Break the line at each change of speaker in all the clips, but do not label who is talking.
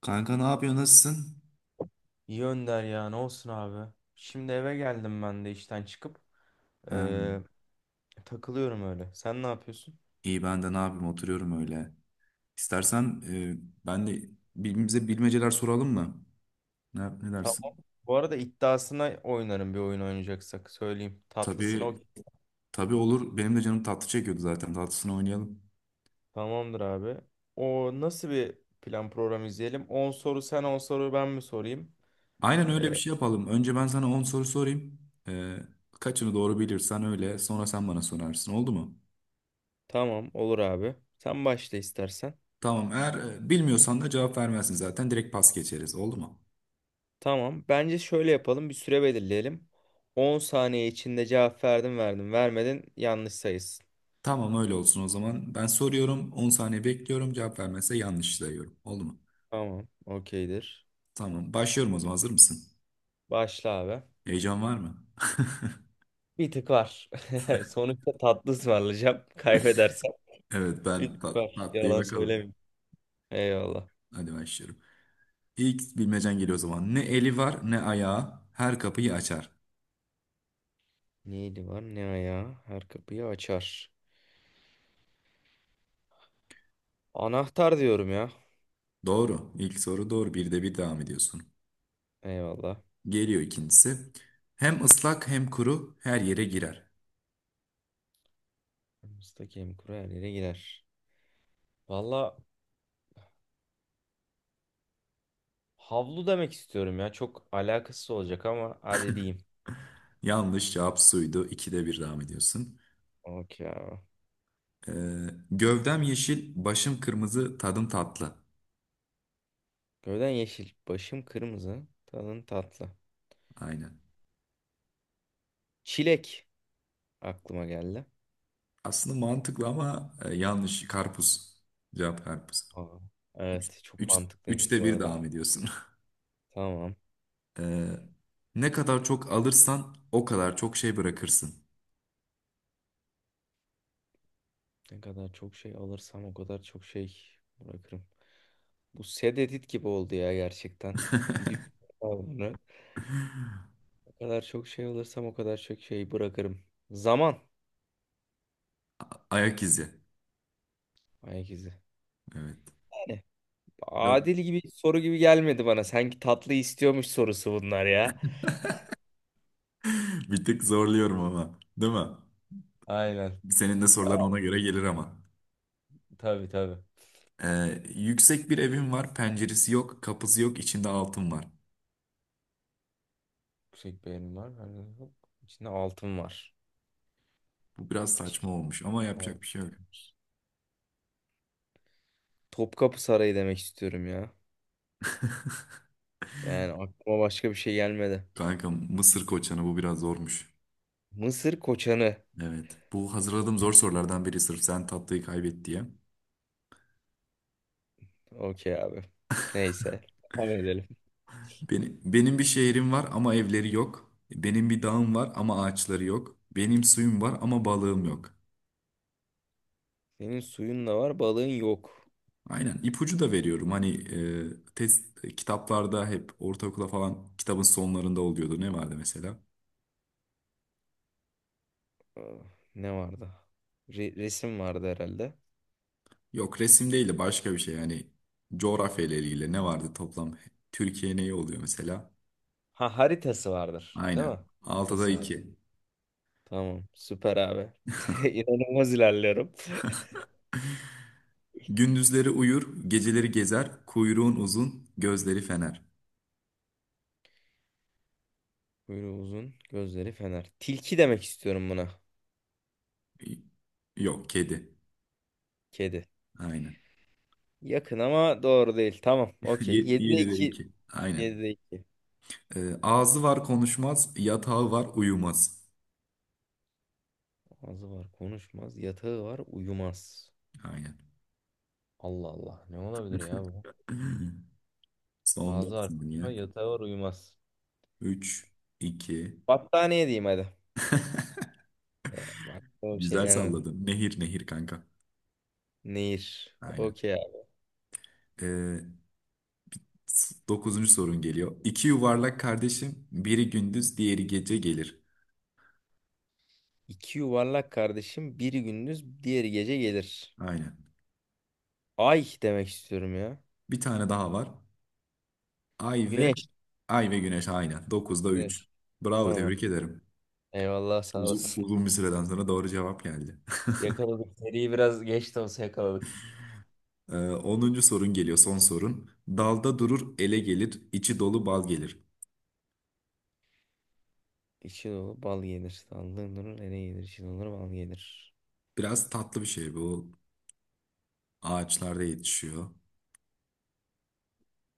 Kanka ne yapıyorsun? Nasılsın?
İyi Önder ya ne olsun abi. Şimdi eve geldim ben de işten çıkıp
Ha,
eee, takılıyorum öyle. Sen ne yapıyorsun?
iyi ben de ne yapayım? Oturuyorum öyle. İstersen ben de birbirimize bilmeceler soralım mı? Ne
Tamam.
dersin?
Bu arada iddiasına oynarım bir oyun oynayacaksak söyleyeyim. Tatlısına
Tabii,
okey.
tabii olur. Benim de canım tatlı çekiyordu zaten. Tatlısını oynayalım.
Tamamdır abi. O nasıl bir plan program izleyelim? 10 soru sen 10 soru ben mi sorayım?
Aynen öyle bir
Eee,
şey yapalım. Önce ben sana 10 soru sorayım. E, Kaçını doğru bilirsen öyle. Sonra sen bana sorarsın. Oldu mu?
tamam olur abi. Sen başla istersen.
Tamam. Eğer bilmiyorsan da cevap vermezsin zaten. Direkt pas geçeriz. Oldu mu?
Tamam. Bence şöyle yapalım bir süre belirleyelim. 10 saniye içinde cevap verdin vermedin yanlış sayısın.
Tamam öyle olsun o zaman. Ben soruyorum. 10 saniye bekliyorum. Cevap vermezse yanlış sayıyorum. Oldu mu?
Tamam. Okeydir.
Tamam, başlıyorum o zaman. Hazır mısın?
Başla abi.
Heyecan var mı?
Bir tık var. Sonuçta tatlı ısmarlayacağım. Kaybedersem.
Evet,
Bir
ben
tık var.
patlayı
Yalan
bakalım.
söylemeyeyim. Eyvallah.
Hadi başlıyorum. İlk bilmecen geliyor o zaman. Ne eli var ne ayağı, her kapıyı açar.
Neydi var? Ne ayağı? Her kapıyı açar. Anahtar diyorum ya.
Doğru. İlk soru doğru. Bir de bir devam ediyorsun.
Eyvallah.
Geliyor ikincisi. Hem ıslak hem kuru her yere girer.
Aramızda kem kuru her yere girer. Valla havlu demek istiyorum ya. Çok alakasız olacak ama hadi diyeyim.
Yanlış cevap suydu. İkide bir devam ediyorsun.
Okey abi.
Gövdem yeşil, başım kırmızı, tadım tatlı.
Gövden yeşil. Başım kırmızı. Tadın tatlı.
Aynen.
Çilek aklıma geldi.
Aslında mantıklı ama yanlış. Karpuz. Cevap karpuz.
Aa,
Üç,
evet çok
üç,
mantıklıymış
Üçte
bu
bir
arada.
devam ediyorsun.
Tamam.
Ee, Ne kadar çok alırsan o kadar çok şey bırakırsın.
Ne kadar çok şey alırsam o kadar çok şey bırakırım. Bu sed edit gibi oldu ya gerçekten. Bir düşünüyorum bunu. O kadar çok şey alırsam o kadar çok şey bırakırım. Zaman.
Ayak izi.
Ayak izi.
Evet.
Yani
Dört.
adil gibi soru gibi gelmedi bana. Sanki tatlı istiyormuş sorusu bunlar ya.
Bir tık zorluyorum ama. Değil mi?
Aynen.
Senin de soruların
Ama
ona göre gelir ama.
tabii tabii.
Yüksek bir evim var. Penceresi yok. Kapısı yok. İçinde altın var.
Yüksek beğenim var. Hani hop, İçinde altın var.
Bu biraz saçma
İçinde
olmuş ama
altın
yapacak bir şey yok.
var. Topkapı Sarayı demek istiyorum ya. Yani aklıma başka bir şey gelmedi.
Kanka Mısır koçanı bu biraz zormuş.
Mısır koçanı.
Evet. Bu hazırladığım zor sorulardan biri sırf sen tatlıyı kaybet diye.
Okey abi. Neyse. Devam edelim.
Benim bir şehrim var ama evleri yok. Benim bir dağım var ama ağaçları yok. Benim suyum var ama balığım yok.
Senin suyun da var, balığın yok.
Aynen ipucu da veriyorum. Hani test, kitaplarda hep ortaokula falan kitabın sonlarında oluyordu. Ne vardı mesela?
Ah, Ne vardı? Resim vardı herhalde.
Yok resim değil de başka bir şey. Yani coğrafya ile ilgili ne vardı toplam? Türkiye neyi oluyor mesela?
Ha, haritası vardır, değil
Aynen.
mi?
Altıda
Haritası vardı.
iki.
Tamam, süper abi. İnanılmaz ilerliyorum.
Gündüzleri uyur, geceleri gezer, kuyruğun uzun, gözleri fener.
Kuyruğu uzun, gözleri fener. Tilki demek istiyorum buna.
Y- Yok kedi.
Kedi.
Aynen.
Yakın ama doğru değil. Tamam, okey. 7'de
7'de
2.
2. Aynen.
7'de 2.
Ağzı var konuşmaz, yatağı var uyumaz.
Ağzı var, konuşmaz. Yatağı var, uyumaz.
Aynen.
Allah Allah. Ne olabilir ya bu?
Son 4
Ağzı arpa
ya.
yatağı var uyumaz.
Üç, 2.
Battaniye diyeyim hadi. Ya, aklıma bir şey
Güzel
gelmedi.
salladın. Nehir nehir kanka.
Nehir.
Aynen.
Okey abi.
Ee, Dokuzuncu sorun geliyor. İki yuvarlak kardeşim, biri gündüz, diğeri gece gelir.
İki yuvarlak kardeşim biri gündüz diğeri gece gelir.
Aynen.
Ay demek istiyorum ya.
Bir tane daha var. Ay ve
Güneş.
Ay ve Güneş aynen. Dokuzda üç.
Güneş.
Bravo,
Tamam.
tebrik ederim.
Eyvallah sağ
Uzun,
olasın.
uzun bir süreden sonra doğru cevap geldi.
Yakaladık. Seriyi biraz geç de olsa yakaladık.
Ee, 10. sorun geliyor, son sorun. Dalda durur, ele gelir, içi dolu bal gelir.
İçi dolu bal gelir. Sallığın durur ene gelir. İçi dolu bal gelir.
Biraz tatlı bir şey bu. Ağaçlarda yetişiyor.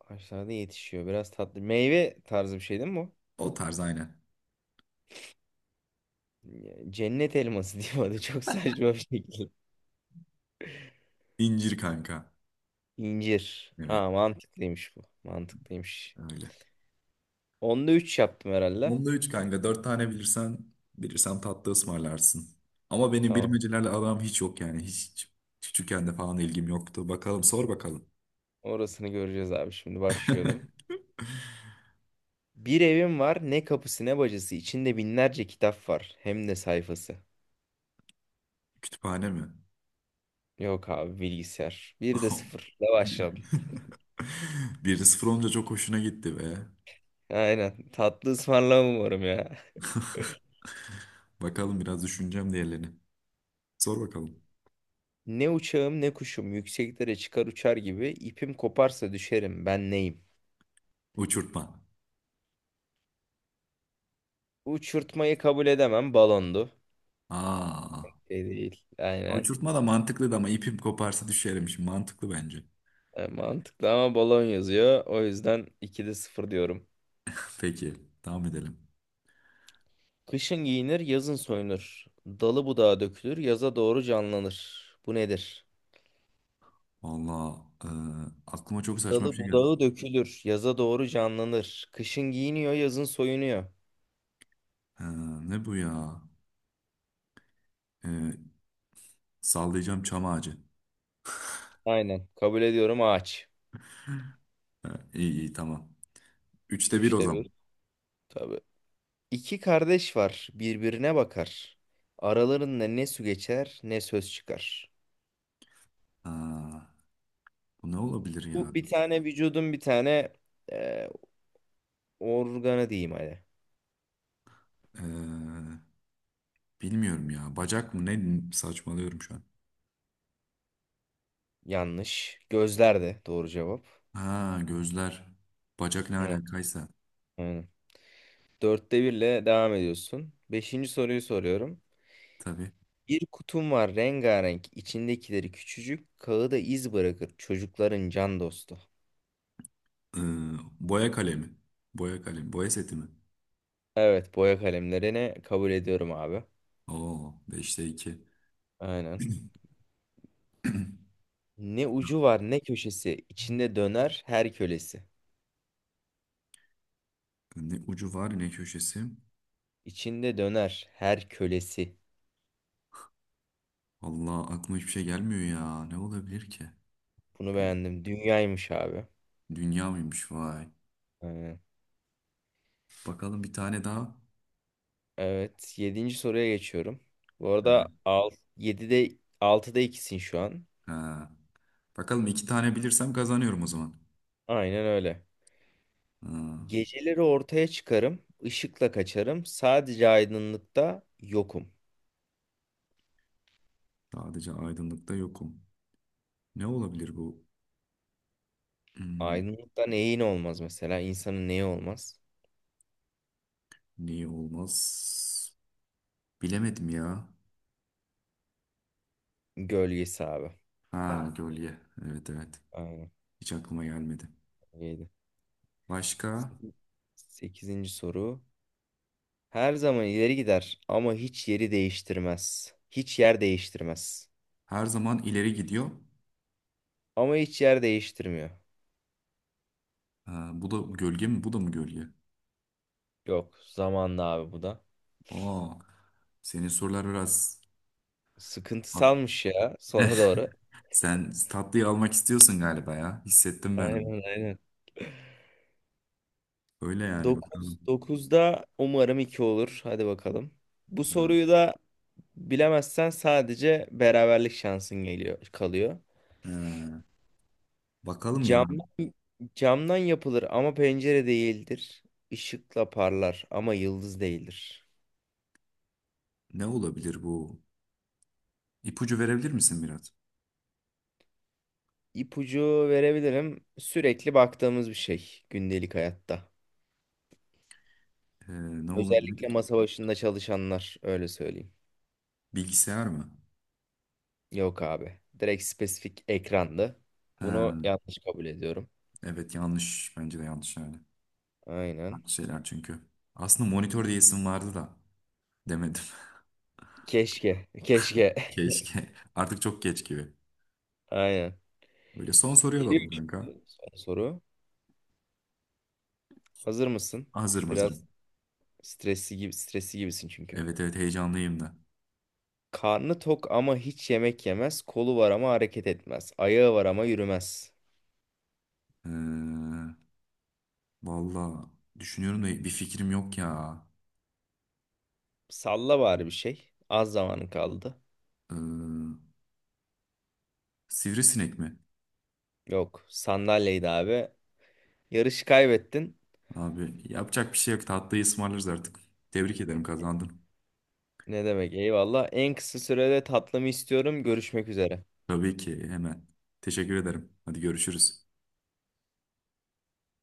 Ağaçlarda yetişiyor. Biraz tatlı. Meyve tarzı bir şey değil mi bu?
O tarz aynen.
Ya, cennet elması diyeyim hadi çok saçma bir şekilde.
İncir kanka.
İncir.
Evet,
Ha mantıklıymış bu. Mantıklıymış.
öyle.
Onda 3 yaptım herhalde.
Onda 3 kanka. Dört tane bilirsen, bilirsem tatlı ısmarlarsın. Ama benim
Tamam.
bilmecelerle aram hiç yok yani. Hiç küçükken de falan ilgim yoktu. Bakalım, sor bakalım.
Orasını göreceğiz abi şimdi başlıyorum. Bir evim var ne kapısı ne bacası içinde binlerce kitap var hem de sayfası.
Kütüphane mi?
Yok abi bilgisayar. Bir de sıfırla başladım.
1 sıfır olunca çok hoşuna gitti be.
Aynen tatlı ısmarlamam umarım ya.
Bakalım biraz düşüneceğim diğerlerini. Sor bakalım.
Ne uçağım ne kuşum yükseklere çıkar uçar gibi ipim koparsa düşerim ben neyim?
Uçurtma.
Uçurtmayı kabul edemem balondu.
Aa,
E değil. Aynen.
uçurtma da mantıklıydı ama ipim koparsa düşerim şimdi. Mantıklı bence.
E, mantıklı ama balon yazıyor. O yüzden 2'de sıfır diyorum.
Peki, devam edelim.
Kışın giyinir, yazın soyunur. Dalı budağı dökülür, yaza doğru canlanır. Bu nedir?
Valla aklıma çok saçma bir
Dalı
şey geldi.
budağı dökülür, yaza doğru canlanır. Kışın giyiniyor, yazın soyunuyor.
Ee, Ne bu ya? Ee, Sallayacağım çam ağacı.
Aynen. Kabul ediyorum ağaç.
İyi iyi tamam. Üçte bir o
3'te
zaman.
bir, tabii. İki kardeş var, birbirine bakar. Aralarında ne su geçer, ne söz çıkar.
Aa, bu ne olabilir ya?
Bu bir tane vücudun bir tane e, organı diyeyim hadi.
Ee, Bilmiyorum ya. Bacak mı? Ne saçmalıyorum şu an.
Yanlış. Gözler de doğru cevap.
Ha gözler. Bacak ne
Hı,
alakaysa.
Aynen. Dörtte birle devam ediyorsun. Beşinci soruyu soruyorum.
Tabii.
Bir kutum var rengarenk. İçindekileri küçücük. Kağıda iz bırakır. Çocukların can dostu.
Ee, Boya kalemi. Boya kalemi. Boya seti mi?
Evet boya kalemlerini kabul ediyorum abi.
Oo beşte 2.
Aynen. Ne ucu var ne köşesi. İçinde döner her kölesi.
Ne ucu var ne köşesi.
İçinde döner her kölesi.
Allah aklıma hiçbir şey gelmiyor ya. Ne olabilir ki?
Bunu
Bir
beğendim. Dünyaymış abi.
dünya mıymış vay.
Aynen.
Bakalım bir tane daha.
Evet. Yedinci soruya geçiyorum. Bu
Ha,
arada al, 7'de altıda ikisin şu an.
ha. Bakalım iki tane bilirsem kazanıyorum o zaman.
Aynen öyle.
Ha,
Geceleri ortaya çıkarım, ışıkla kaçarım. Sadece aydınlıkta yokum.
sadece aydınlıkta yokum. Ne olabilir bu? Hmm,
Aydınlıkta neyin olmaz mesela? İnsanın neyi olmaz?
Niye olmaz? Bilemedim ya.
Gölgesi abi.
Ha gölge. Evet evet.
Aynen.
Hiç aklıma gelmedi.
Yedi.
Başka?
Sekizinci soru. Her zaman ileri gider ama hiç yeri değiştirmez. Hiç yer değiştirmez.
Her zaman ileri gidiyor.
Ama hiç yer değiştirmiyor.
Ha, bu da gölge mi? Bu da mı gölge?
Yok, zamanla abi bu da.
Aa, senin sorular biraz...
Sıkıntısalmış ya sona doğru.
Sen tatlıyı almak istiyorsun galiba ya. Hissettim ben onu.
Aynen aynen.
Öyle yani bakalım.
9'da umarım 2 olur. Hadi bakalım. Bu
Ha,
soruyu da bilemezsen sadece beraberlik şansın geliyor kalıyor.
ha. Bakalım ya
Camdan camdan yapılır ama pencere değildir. Işıkla parlar ama yıldız değildir.
ne olabilir bu? İpucu verebilir misin biraz?
İpucu verebilirim. Sürekli baktığımız bir şey gündelik hayatta.
Ee, Ne olabilir
Özellikle
ki?
masa başında çalışanlar öyle söyleyeyim.
Bilgisayar mı?
Yok abi. Direkt spesifik ekrandı.
Ha,
Bunu yanlış kabul ediyorum.
evet yanlış. Bence de yanlış yani.
Aynen.
Farklı şeyler çünkü. Aslında monitör diye isim vardı da demedim.
Keşke. Keşke.
Keşke. Artık çok geç gibi.
Aynen.
Böyle son soruyu
Geliyor
alalım kanka.
şimdi son soru. Hazır mısın?
Hazırım
Biraz
hazırım.
stresli gibisin çünkü.
Evet evet heyecanlıyım da.
Karnı tok ama hiç yemek yemez. Kolu var ama hareket etmez. Ayağı var ama yürümez.
Ee, Valla düşünüyorum da bir fikrim yok ya.
Salla bari bir şey. Az zamanın kaldı.
Ee, Sivrisinek mi?
Yok. Sandalyeydi abi. Yarışı kaybettin.
Abi yapacak bir şey yok. Tatlıyı ısmarlarız artık. Tebrik ederim kazandın.
Ne demek? Eyvallah. En kısa sürede tatlımı istiyorum. Görüşmek üzere.
Tabii ki hemen. Teşekkür ederim. Hadi görüşürüz.